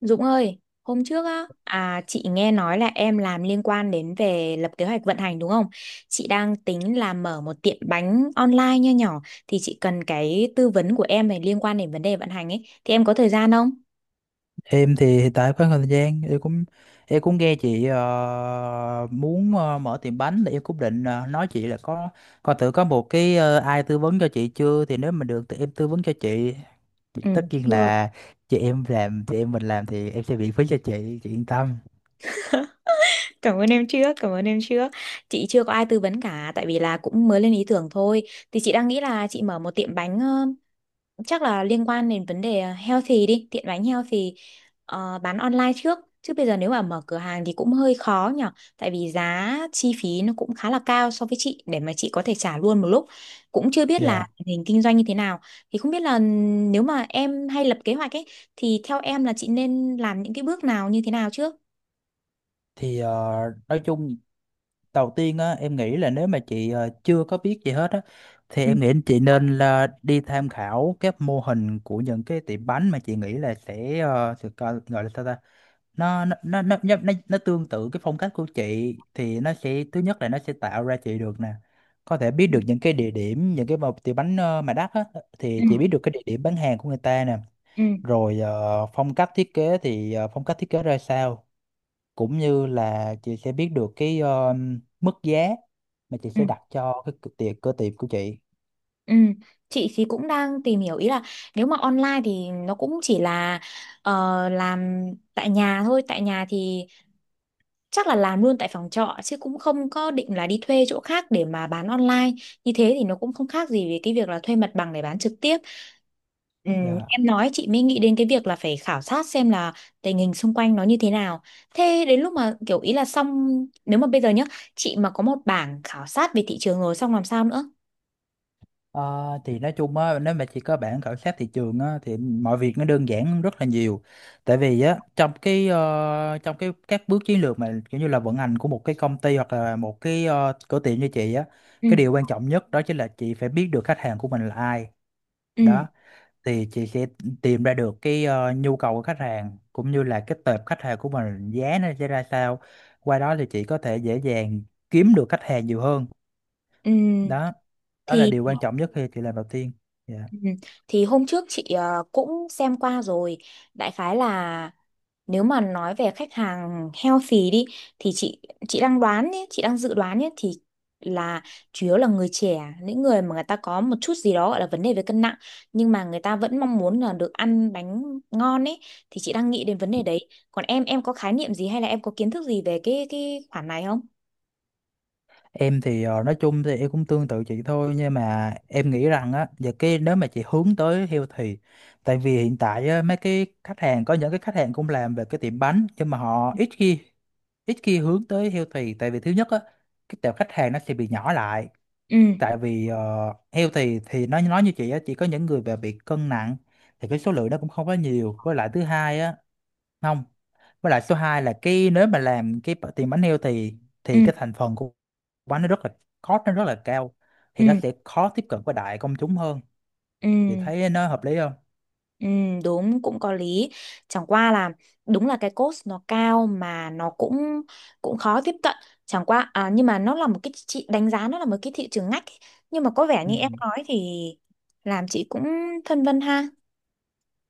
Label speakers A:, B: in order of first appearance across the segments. A: Dũng ơi, hôm trước á, chị nghe nói là em làm liên quan đến về lập kế hoạch vận hành đúng không? Chị đang tính là mở một tiệm bánh online nho nhỏ, thì chị cần cái tư vấn của em về liên quan đến vấn đề vận hành ấy. Thì em có thời gian không?
B: Em thì hiện tại có thời gian, em cũng nghe chị muốn mở tiệm bánh thì em cũng định nói chị là có coi thử có một cái ai tư vấn cho chị chưa, thì nếu mà được thì em tư vấn cho chị.
A: Ừ,
B: Tất nhiên
A: chưa.
B: là chị em mình làm thì em sẽ miễn phí cho chị yên tâm.
A: Cảm ơn em trước, cảm ơn em trước. Chị chưa có ai tư vấn cả tại vì là cũng mới lên ý tưởng thôi. Thì chị đang nghĩ là chị mở một tiệm bánh, chắc là liên quan đến vấn đề healthy đi, tiện bánh healthy, bán online trước chứ bây giờ nếu mà mở cửa hàng thì cũng hơi khó nhở, tại vì giá chi phí nó cũng khá là cao so với chị để mà chị có thể trả luôn một lúc, cũng chưa biết
B: Dạ.
A: là tình hình kinh doanh như thế nào. Thì không biết là nếu mà em hay lập kế hoạch ấy thì theo em là chị nên làm những cái bước nào như thế nào trước?
B: Thì ờ, nói chung đầu tiên á, em nghĩ là nếu mà chị chưa có biết gì hết á, thì
A: Ừ,
B: em nghĩ chị nên là đi tham khảo các mô hình của những cái tiệm bánh mà chị nghĩ là sẽ ờ, sự co- gọi là sao ta nó tương tự cái phong cách của chị, thì nó sẽ thứ nhất là nó sẽ tạo ra chị được nè, có thể biết được những cái địa điểm, những cái mà tiệm bánh mà đắt á, thì
A: ừ,
B: chị biết được cái địa điểm bán hàng của người ta nè,
A: ừ,
B: rồi phong cách thiết kế thì phong cách thiết kế ra sao, cũng như là chị sẽ biết được cái mức giá mà chị
A: ừ.
B: sẽ đặt cho cái cửa tiệc của chị.
A: Ừ, chị thì cũng đang tìm hiểu, ý là nếu mà online thì nó cũng chỉ là ờ, làm tại nhà thôi, tại nhà thì chắc là làm luôn tại phòng trọ chứ cũng không có định là đi thuê chỗ khác để mà bán online, như thế thì nó cũng không khác gì với cái việc là thuê mặt bằng để bán trực tiếp. Ừ,
B: Dạ.
A: em nói chị mới nghĩ đến cái việc là phải khảo sát xem là tình hình xung quanh nó như thế nào. Thế đến lúc mà kiểu ý là xong, nếu mà bây giờ nhá, chị mà có một bảng khảo sát về thị trường rồi xong làm sao nữa?
B: Ờ, thì nói chung á, nếu mà chị có bản khảo sát thị trường á, thì mọi việc nó đơn giản hơn rất là nhiều, tại vì á, trong cái các bước chiến lược mà kiểu như là vận hành của một cái công ty hoặc là một cái cửa tiệm như chị á,
A: Ừ.
B: cái điều quan trọng nhất đó chính là chị phải biết được khách hàng của mình là ai.
A: Ừ.
B: Đó, thì chị sẽ tìm ra được cái nhu cầu của khách hàng, cũng như là cái tệp khách hàng của mình giá nó sẽ ra sao, qua đó thì chị có thể dễ dàng kiếm được khách hàng nhiều hơn.
A: Ừ.
B: Đó đó là
A: Thì
B: điều quan trọng nhất khi chị làm đầu tiên. Dạ.
A: ừ, thì hôm trước chị cũng xem qua rồi, đại khái là nếu mà nói về khách hàng healthy đi thì chị đang đoán nhé, chị đang dự đoán nhé, thì là chủ yếu là người trẻ, những người mà người ta có một chút gì đó gọi là vấn đề về cân nặng, nhưng mà người ta vẫn mong muốn là được ăn bánh ngon ấy. Thì chị đang nghĩ đến vấn đề đấy, còn em có khái niệm gì hay là em có kiến thức gì về cái khoản này không?
B: Em thì nói chung thì em cũng tương tự chị thôi, nhưng mà em nghĩ rằng á, và cái nếu mà chị hướng tới healthy, tại vì hiện tại á, mấy cái khách hàng có những cái khách hàng cũng làm về cái tiệm bánh nhưng mà họ ít khi hướng tới healthy, tại vì thứ nhất á, cái tệp khách hàng nó sẽ bị nhỏ lại,
A: Ừ.
B: tại vì heo thì nó nói như chị á, chỉ có những người mà bị cân nặng thì cái số lượng nó cũng không có nhiều. Với lại thứ hai á, không với lại số 2 là cái nếu mà làm tiền bánh heo
A: Ừ.
B: thì cái thành phần của bánh nó rất là, cost nó rất là cao,
A: Ừ.
B: thì nó sẽ khó tiếp cận với đại công chúng hơn. Chị
A: Ừ.
B: thấy nó hợp lý không?
A: Ừ, đúng, cũng có lý. Chẳng qua là đúng là cái cost nó cao mà nó cũng cũng khó tiếp cận. Chẳng qua à, nhưng mà nó là một cái chị đánh giá nó là một cái thị trường ngách ấy. Nhưng mà có vẻ
B: Ừ.
A: như em nói thì làm chị cũng phân vân ha.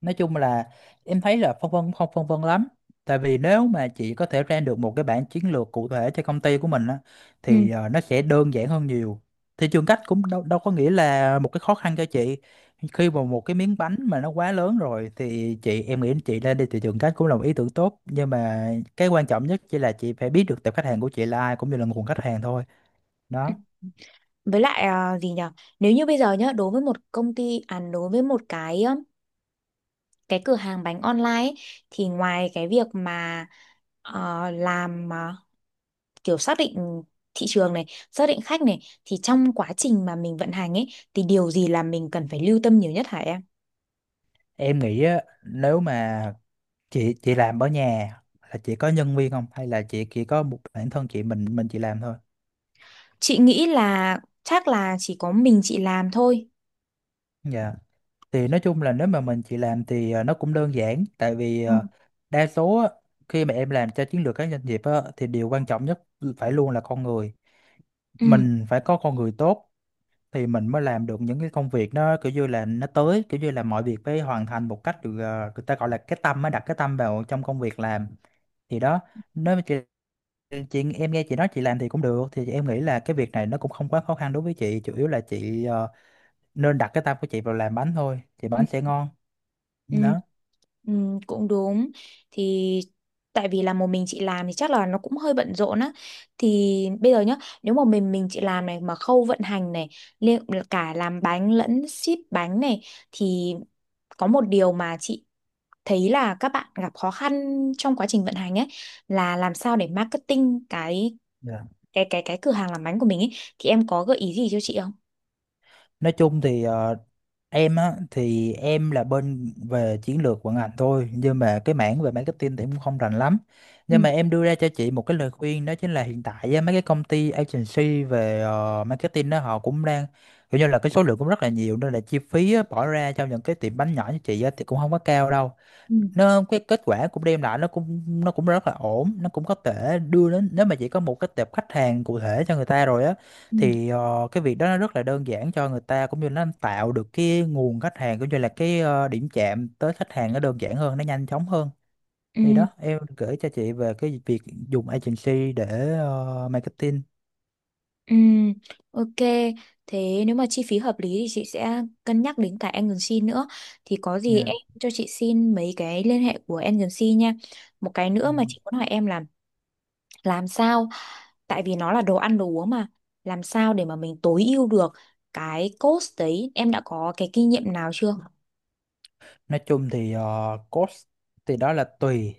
B: Nói chung là em thấy là phân vân không phân vân lắm, tại vì nếu mà chị có thể ra được một cái bản chiến lược cụ thể cho công ty của mình á,
A: Ừ.
B: thì nó sẽ đơn giản hơn nhiều. Thị trường cách cũng đâu có nghĩa là một cái khó khăn cho chị, khi mà một cái miếng bánh mà nó quá lớn rồi thì em nghĩ chị lên đi thị trường cách cũng là một ý tưởng tốt, nhưng mà cái quan trọng nhất chỉ là chị phải biết được tập khách hàng của chị là ai, cũng như là nguồn khách hàng thôi.
A: Ừ.
B: Đó.
A: Với lại à, gì nhở, nếu như bây giờ nhá, đối với một công ty, à đối với một cái cửa hàng bánh online ấy, thì ngoài cái việc mà làm kiểu xác định thị trường này, xác định khách này, thì trong quá trình mà mình vận hành ấy thì điều gì là mình cần phải lưu tâm nhiều nhất hả em?
B: Em nghĩ á, nếu mà chị làm ở nhà, là chị có nhân viên không hay là chị chỉ có một bản thân chị, mình chị làm thôi?
A: Chị nghĩ là chắc là chỉ có mình chị làm thôi.
B: Dạ, thì nói chung là nếu mà mình chị làm thì nó cũng đơn giản, tại vì
A: Ừ.
B: đa số á, khi mà em làm cho chiến lược các doanh nghiệp á, thì điều quan trọng nhất phải luôn là con người.
A: Ừ.
B: Mình phải có con người tốt thì mình mới làm được những cái công việc nó kiểu như là nó tới, kiểu như là mọi việc phải hoàn thành một cách được, người ta gọi là cái tâm, mới đặt cái tâm vào trong công việc làm. Thì đó, nếu mà chị em nghe chị nói chị làm thì cũng được, thì em nghĩ là cái việc này nó cũng không quá khó khăn đối với chị, chủ yếu là chị nên đặt cái tâm của chị vào làm bánh thôi thì
A: Ừ.
B: bánh sẽ ngon.
A: Ừ,
B: Đó.
A: ừ, cũng đúng. Thì tại vì là một mình chị làm thì chắc là nó cũng hơi bận rộn á, thì bây giờ nhá, nếu mà mình chị làm này mà khâu vận hành này, liệu cả làm bánh lẫn ship bánh này, thì có một điều mà chị thấy là các bạn gặp khó khăn trong quá trình vận hành ấy là làm sao để marketing cái
B: Dạ.
A: cái cái cái cửa hàng làm bánh của mình ấy thì em có gợi ý gì cho chị không?
B: Nói chung thì em á, thì em là bên về chiến lược vận hành thôi, nhưng mà cái mảng về marketing thì em cũng không rành lắm.
A: Ừ,
B: Nhưng mà em đưa ra cho chị một cái lời khuyên, đó chính là hiện tại á, mấy cái công ty agency về marketing đó họ cũng đang kiểu như là cái số lượng cũng rất là nhiều, nên là chi phí á, bỏ ra cho những cái tiệm bánh nhỏ như chị á, thì cũng không có cao đâu.
A: ừ,
B: Nó cái kết quả cũng đem lại nó cũng rất là ổn, nó cũng có thể đưa đến nếu mà chỉ có một cái tệp khách hàng cụ thể cho người ta rồi á,
A: ừ.
B: thì cái việc đó nó rất là đơn giản cho người ta, cũng như nó tạo được cái nguồn khách hàng cũng như là cái điểm chạm tới khách hàng nó đơn giản hơn, nó nhanh chóng hơn. Thì
A: Ừ.
B: đó, em gửi cho chị về cái việc dùng agency để marketing
A: Ừm, ok. Thế nếu mà chi phí hợp lý thì chị sẽ cân nhắc đến cả agency nữa. Thì có gì
B: nha.
A: em cho chị xin mấy cái liên hệ của agency nha. Một cái
B: Ừ.
A: nữa mà chị muốn hỏi em là, làm sao, tại vì nó là đồ ăn đồ uống mà, làm sao để mà mình tối ưu được cái cost đấy, em đã có cái kinh nghiệm nào chưa?
B: Nói chung thì cost thì đó là tùy,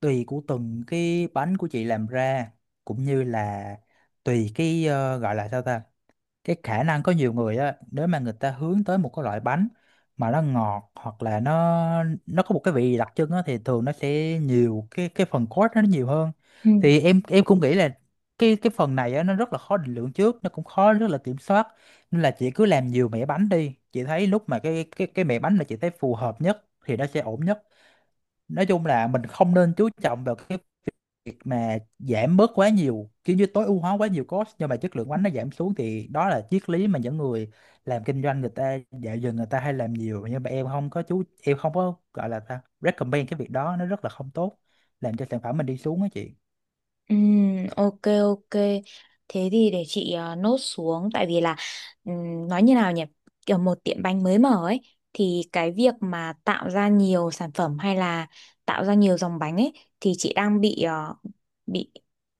B: tùy của từng cái bánh của chị làm ra, cũng như là tùy cái ờ, gọi là sao ta cái khả năng có nhiều người á, nếu mà người ta hướng tới một cái loại bánh mà nó ngọt, hoặc là nó có một cái vị gì đặc trưng á, thì thường nó sẽ nhiều cái phần cốt nó nhiều hơn. Thì em cũng nghĩ là cái phần này á nó rất là khó định lượng trước, nó cũng khó rất là kiểm soát. Nên là chị cứ làm nhiều mẻ bánh đi, chị thấy lúc mà cái mẻ bánh mà chị thấy phù hợp nhất thì nó sẽ ổn nhất. Nói chung là mình không nên chú trọng vào cái việc mà giảm bớt quá nhiều, kiểu như tối ưu hóa quá nhiều cost nhưng mà chất lượng bánh nó giảm xuống, thì đó là triết lý mà những người làm kinh doanh người ta dạo giờ người ta hay làm nhiều, nhưng mà em không có chú em không có gọi là ta recommend cái việc đó, nó rất là không tốt, làm cho sản phẩm mình đi xuống á chị.
A: Ok, ok, thế thì để chị nốt xuống. Tại vì là nói như nào nhỉ, kiểu một tiệm bánh mới mở ấy thì cái việc mà tạo ra nhiều sản phẩm hay là tạo ra nhiều dòng bánh ấy thì chị đang bị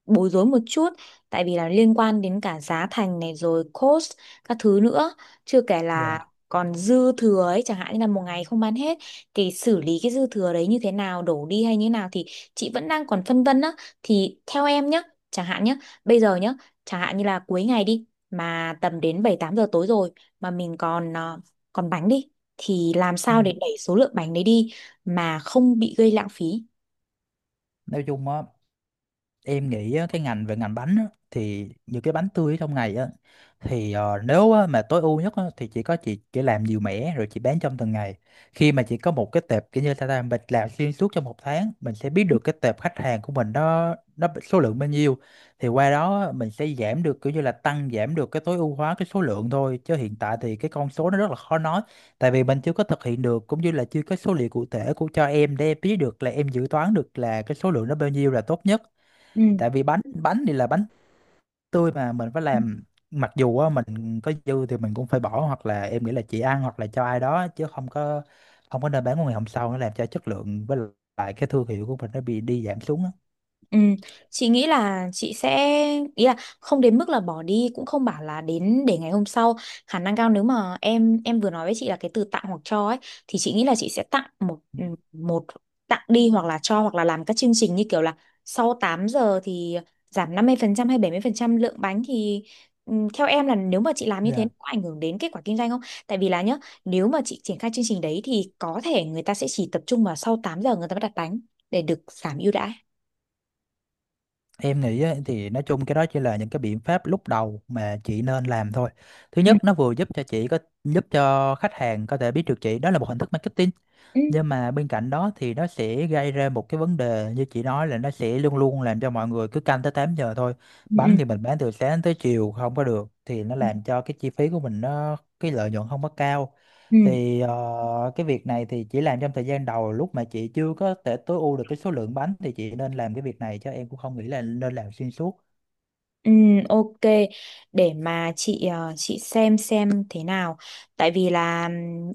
A: bối rối một chút, tại vì là liên quan đến cả giá thành này rồi cost các thứ nữa, chưa kể
B: Dạ.
A: là còn dư thừa ấy, chẳng hạn như là một ngày không bán hết thì xử lý cái dư thừa đấy như thế nào, đổ đi hay như thế nào, thì chị vẫn đang còn phân vân á. Thì theo em nhá, chẳng hạn nhá, bây giờ nhá, chẳng hạn như là cuối ngày đi, mà tầm đến 7-8 giờ tối rồi mà mình còn bánh đi thì làm
B: Ừ.
A: sao để đẩy số lượng bánh đấy đi mà không bị gây lãng phí?
B: Nói chung á, em nghĩ á, cái ngành về ngành bánh á, thì những cái bánh tươi ở trong này á, thì nếu á, mà tối ưu nhất á, thì chỉ có chị chỉ làm nhiều mẻ rồi chị bán trong từng ngày. Khi mà chị có một cái tệp kiểu như ta làm, mình làm xuyên suốt trong một tháng, mình sẽ biết được cái tệp khách hàng của mình đó số lượng bao nhiêu, thì qua đó á, mình sẽ giảm được kiểu như là tăng giảm được cái tối ưu hóa cái số lượng thôi, chứ hiện tại thì cái con số nó rất là khó nói, tại vì mình chưa có thực hiện được cũng như là chưa có số liệu cụ thể của cho em, để em biết được là em dự toán được là cái số lượng nó bao nhiêu là tốt nhất. Tại vì bánh bánh thì là bánh tươi mà mình phải
A: Ừ.
B: làm, mặc dù á, mình có dư thì mình cũng phải bỏ, hoặc là em nghĩ là chị ăn hoặc là cho ai đó, chứ không có nên bán qua ngày hôm sau, nó làm cho chất lượng với lại cái thương hiệu của mình nó bị đi giảm xuống á.
A: Ừ, chị nghĩ là chị sẽ, ý là không đến mức là bỏ đi cũng không bảo là đến để ngày hôm sau. Khả năng cao nếu mà em vừa nói với chị là cái từ tặng hoặc cho ấy thì chị nghĩ là chị sẽ tặng một tặng đi hoặc là cho hoặc là làm các chương trình như kiểu là sau 8 giờ thì giảm 50% hay 70% lượng bánh thì ừ, theo em là nếu mà chị làm như thế
B: Nên
A: có ảnh hưởng đến kết quả kinh doanh không? Tại vì là nhá, nếu mà chị triển khai chương trình đấy thì có thể người ta sẽ chỉ tập trung vào sau 8 giờ người ta mới đặt bánh để được giảm ưu đãi.
B: em nghĩ á, thì nói chung cái đó chỉ là những cái biện pháp lúc đầu mà chị nên làm thôi. Thứ nhất nó vừa giúp cho khách hàng có thể biết được chị, đó là một hình thức marketing.
A: Ừ.
B: Nhưng mà bên cạnh đó thì nó sẽ gây ra một cái vấn đề như chị nói, là nó sẽ luôn luôn làm cho mọi người cứ canh tới 8 giờ thôi. Bánh
A: Ừ.
B: thì mình bán từ sáng tới chiều không có được, thì nó
A: Ừ.
B: làm cho cái chi phí của mình, nó cái lợi nhuận không có cao.
A: Ừ.
B: Thì cái việc này thì chỉ làm trong thời gian đầu, lúc mà chị chưa có thể tối ưu được cái số lượng bánh thì chị nên làm cái việc này, chứ em cũng không nghĩ là nên làm xuyên suốt.
A: Ừ, ok, để mà chị xem thế nào, tại vì là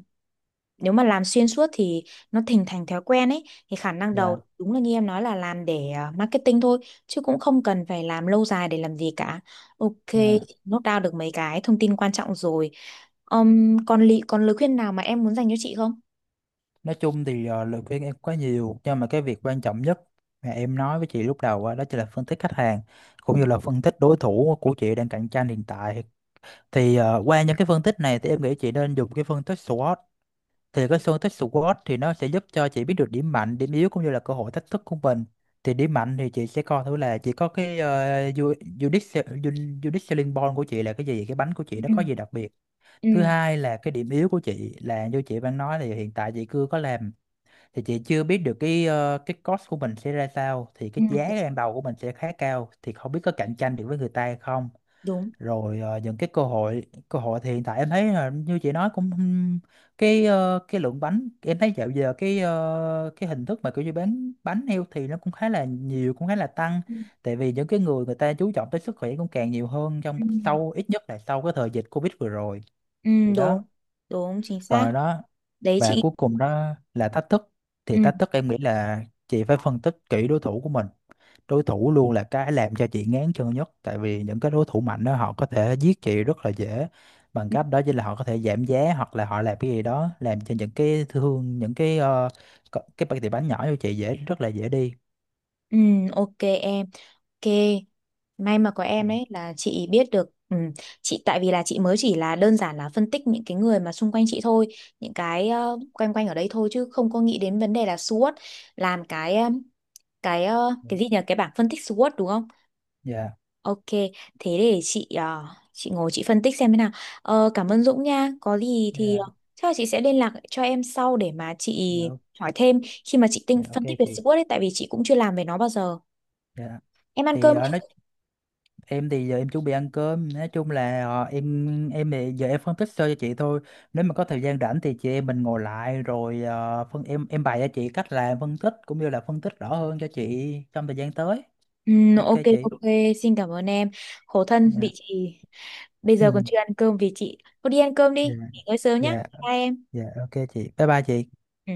A: nếu mà làm xuyên suốt thì nó thành thành thói quen ấy, thì khả năng
B: Dạ.
A: đầu đúng là như em nói là làm để marketing thôi chứ cũng không cần phải làm lâu dài để làm gì cả. Ok,
B: Dạ.
A: nốt down được mấy cái thông tin quan trọng rồi. Còn còn lời khuyên nào mà em muốn dành cho chị không?
B: Nói chung thì lời khuyên em có nhiều, nhưng mà cái việc quan trọng nhất mà em nói với chị lúc đầu á, đó chính là phân tích khách hàng,
A: Ừ.
B: cũng như là phân tích đối thủ của chị đang cạnh tranh hiện tại. Thì qua những cái phân tích này thì em nghĩ chị nên dùng cái phân tích SWOT. Thì cái phân tích SWOT thì nó sẽ giúp cho chị biết được điểm mạnh, điểm yếu cũng như là cơ hội thách thức của mình. Thì điểm mạnh thì chị sẽ coi thử là chị có cái uh, unique selling point của chị là cái gì, cái bánh của
A: Ừ.
B: chị nó có gì đặc biệt. Thứ
A: Ừ.
B: hai là cái điểm yếu của chị là như chị đang nói, thì hiện tại chị chưa có làm, thì chị chưa biết được cái cái cost của mình sẽ ra sao, thì cái giá
A: Ừ,
B: ban đầu của mình sẽ khá cao, thì không biết có cạnh tranh được với người ta hay không.
A: đúng.
B: Rồi những cái cơ hội thì hiện tại em thấy là như chị nói, cũng cái cái lượng bánh em thấy dạo giờ cái cái hình thức mà kiểu như bán bánh heo thì nó cũng khá là nhiều, cũng khá là tăng,
A: Ừ,
B: tại vì những cái người người ta chú trọng tới sức khỏe cũng càng nhiều hơn, trong
A: ừ,
B: sau ít nhất là sau cái thời dịch Covid vừa rồi. Thì đó,
A: đúng, đúng chính xác
B: còn đó,
A: đấy
B: và
A: chị.
B: cuối cùng đó là thách thức. Thì
A: Ừ,
B: thách thức em nghĩ là chị phải phân tích kỹ đối thủ của mình. Đối thủ luôn là cái làm cho chị ngán chân nhất, tại vì những cái đối thủ mạnh đó họ có thể giết chị rất là dễ, bằng
A: ừ,
B: cách đó chỉ là họ có thể giảm giá hoặc là họ làm cái gì đó, làm cho những cái thương những cái ờ, co- cái tiệm bánh nhỏ cho chị dễ, rất là dễ đi.
A: ừ, ok em, ok. May mà có em
B: Dạ.
A: đấy là chị biết được, ừ, chị tại vì là chị mới chỉ là đơn giản là phân tích những cái người mà xung quanh chị thôi, những cái quanh quanh ở đây thôi chứ không có nghĩ đến vấn đề là SWOT, làm cái gì nhỉ, cái bảng phân tích SWOT đúng không? Ok, thế để chị ngồi chị phân tích xem thế nào. Ờ, cảm ơn Dũng nha. Có gì thì
B: Dạ.
A: chắc là chị sẽ liên lạc cho em sau để mà chị
B: Dạ. Dạ, ok.
A: hỏi thêm khi mà chị tinh
B: Dạ, ok
A: phân tích về
B: chị.
A: SWOT ấy, tại vì chị cũng chưa làm về nó bao giờ.
B: Dạ,
A: Em ăn
B: thì
A: cơm
B: ờ, nói
A: chưa?
B: em thì giờ em chuẩn bị ăn cơm. Nói chung là em thì giờ em phân tích sơ cho chị thôi, nếu mà có thời gian rảnh thì chị em mình ngồi lại rồi ờ, phân em bày cho chị cách làm phân tích, cũng như là phân tích rõ hơn cho chị trong thời gian tới. Ok
A: Ok,
B: chị.
A: ok, xin cảm ơn em. Khổ thân bị
B: Dạ.
A: chị bây
B: Ừ.
A: giờ còn chưa ăn cơm vì chị. Cô đi ăn cơm đi,
B: Dạ.
A: nghỉ ngơi sớm nhá.
B: Dạ.
A: Bye em.
B: Dạ, ok chị, bye bye chị.
A: Ừ.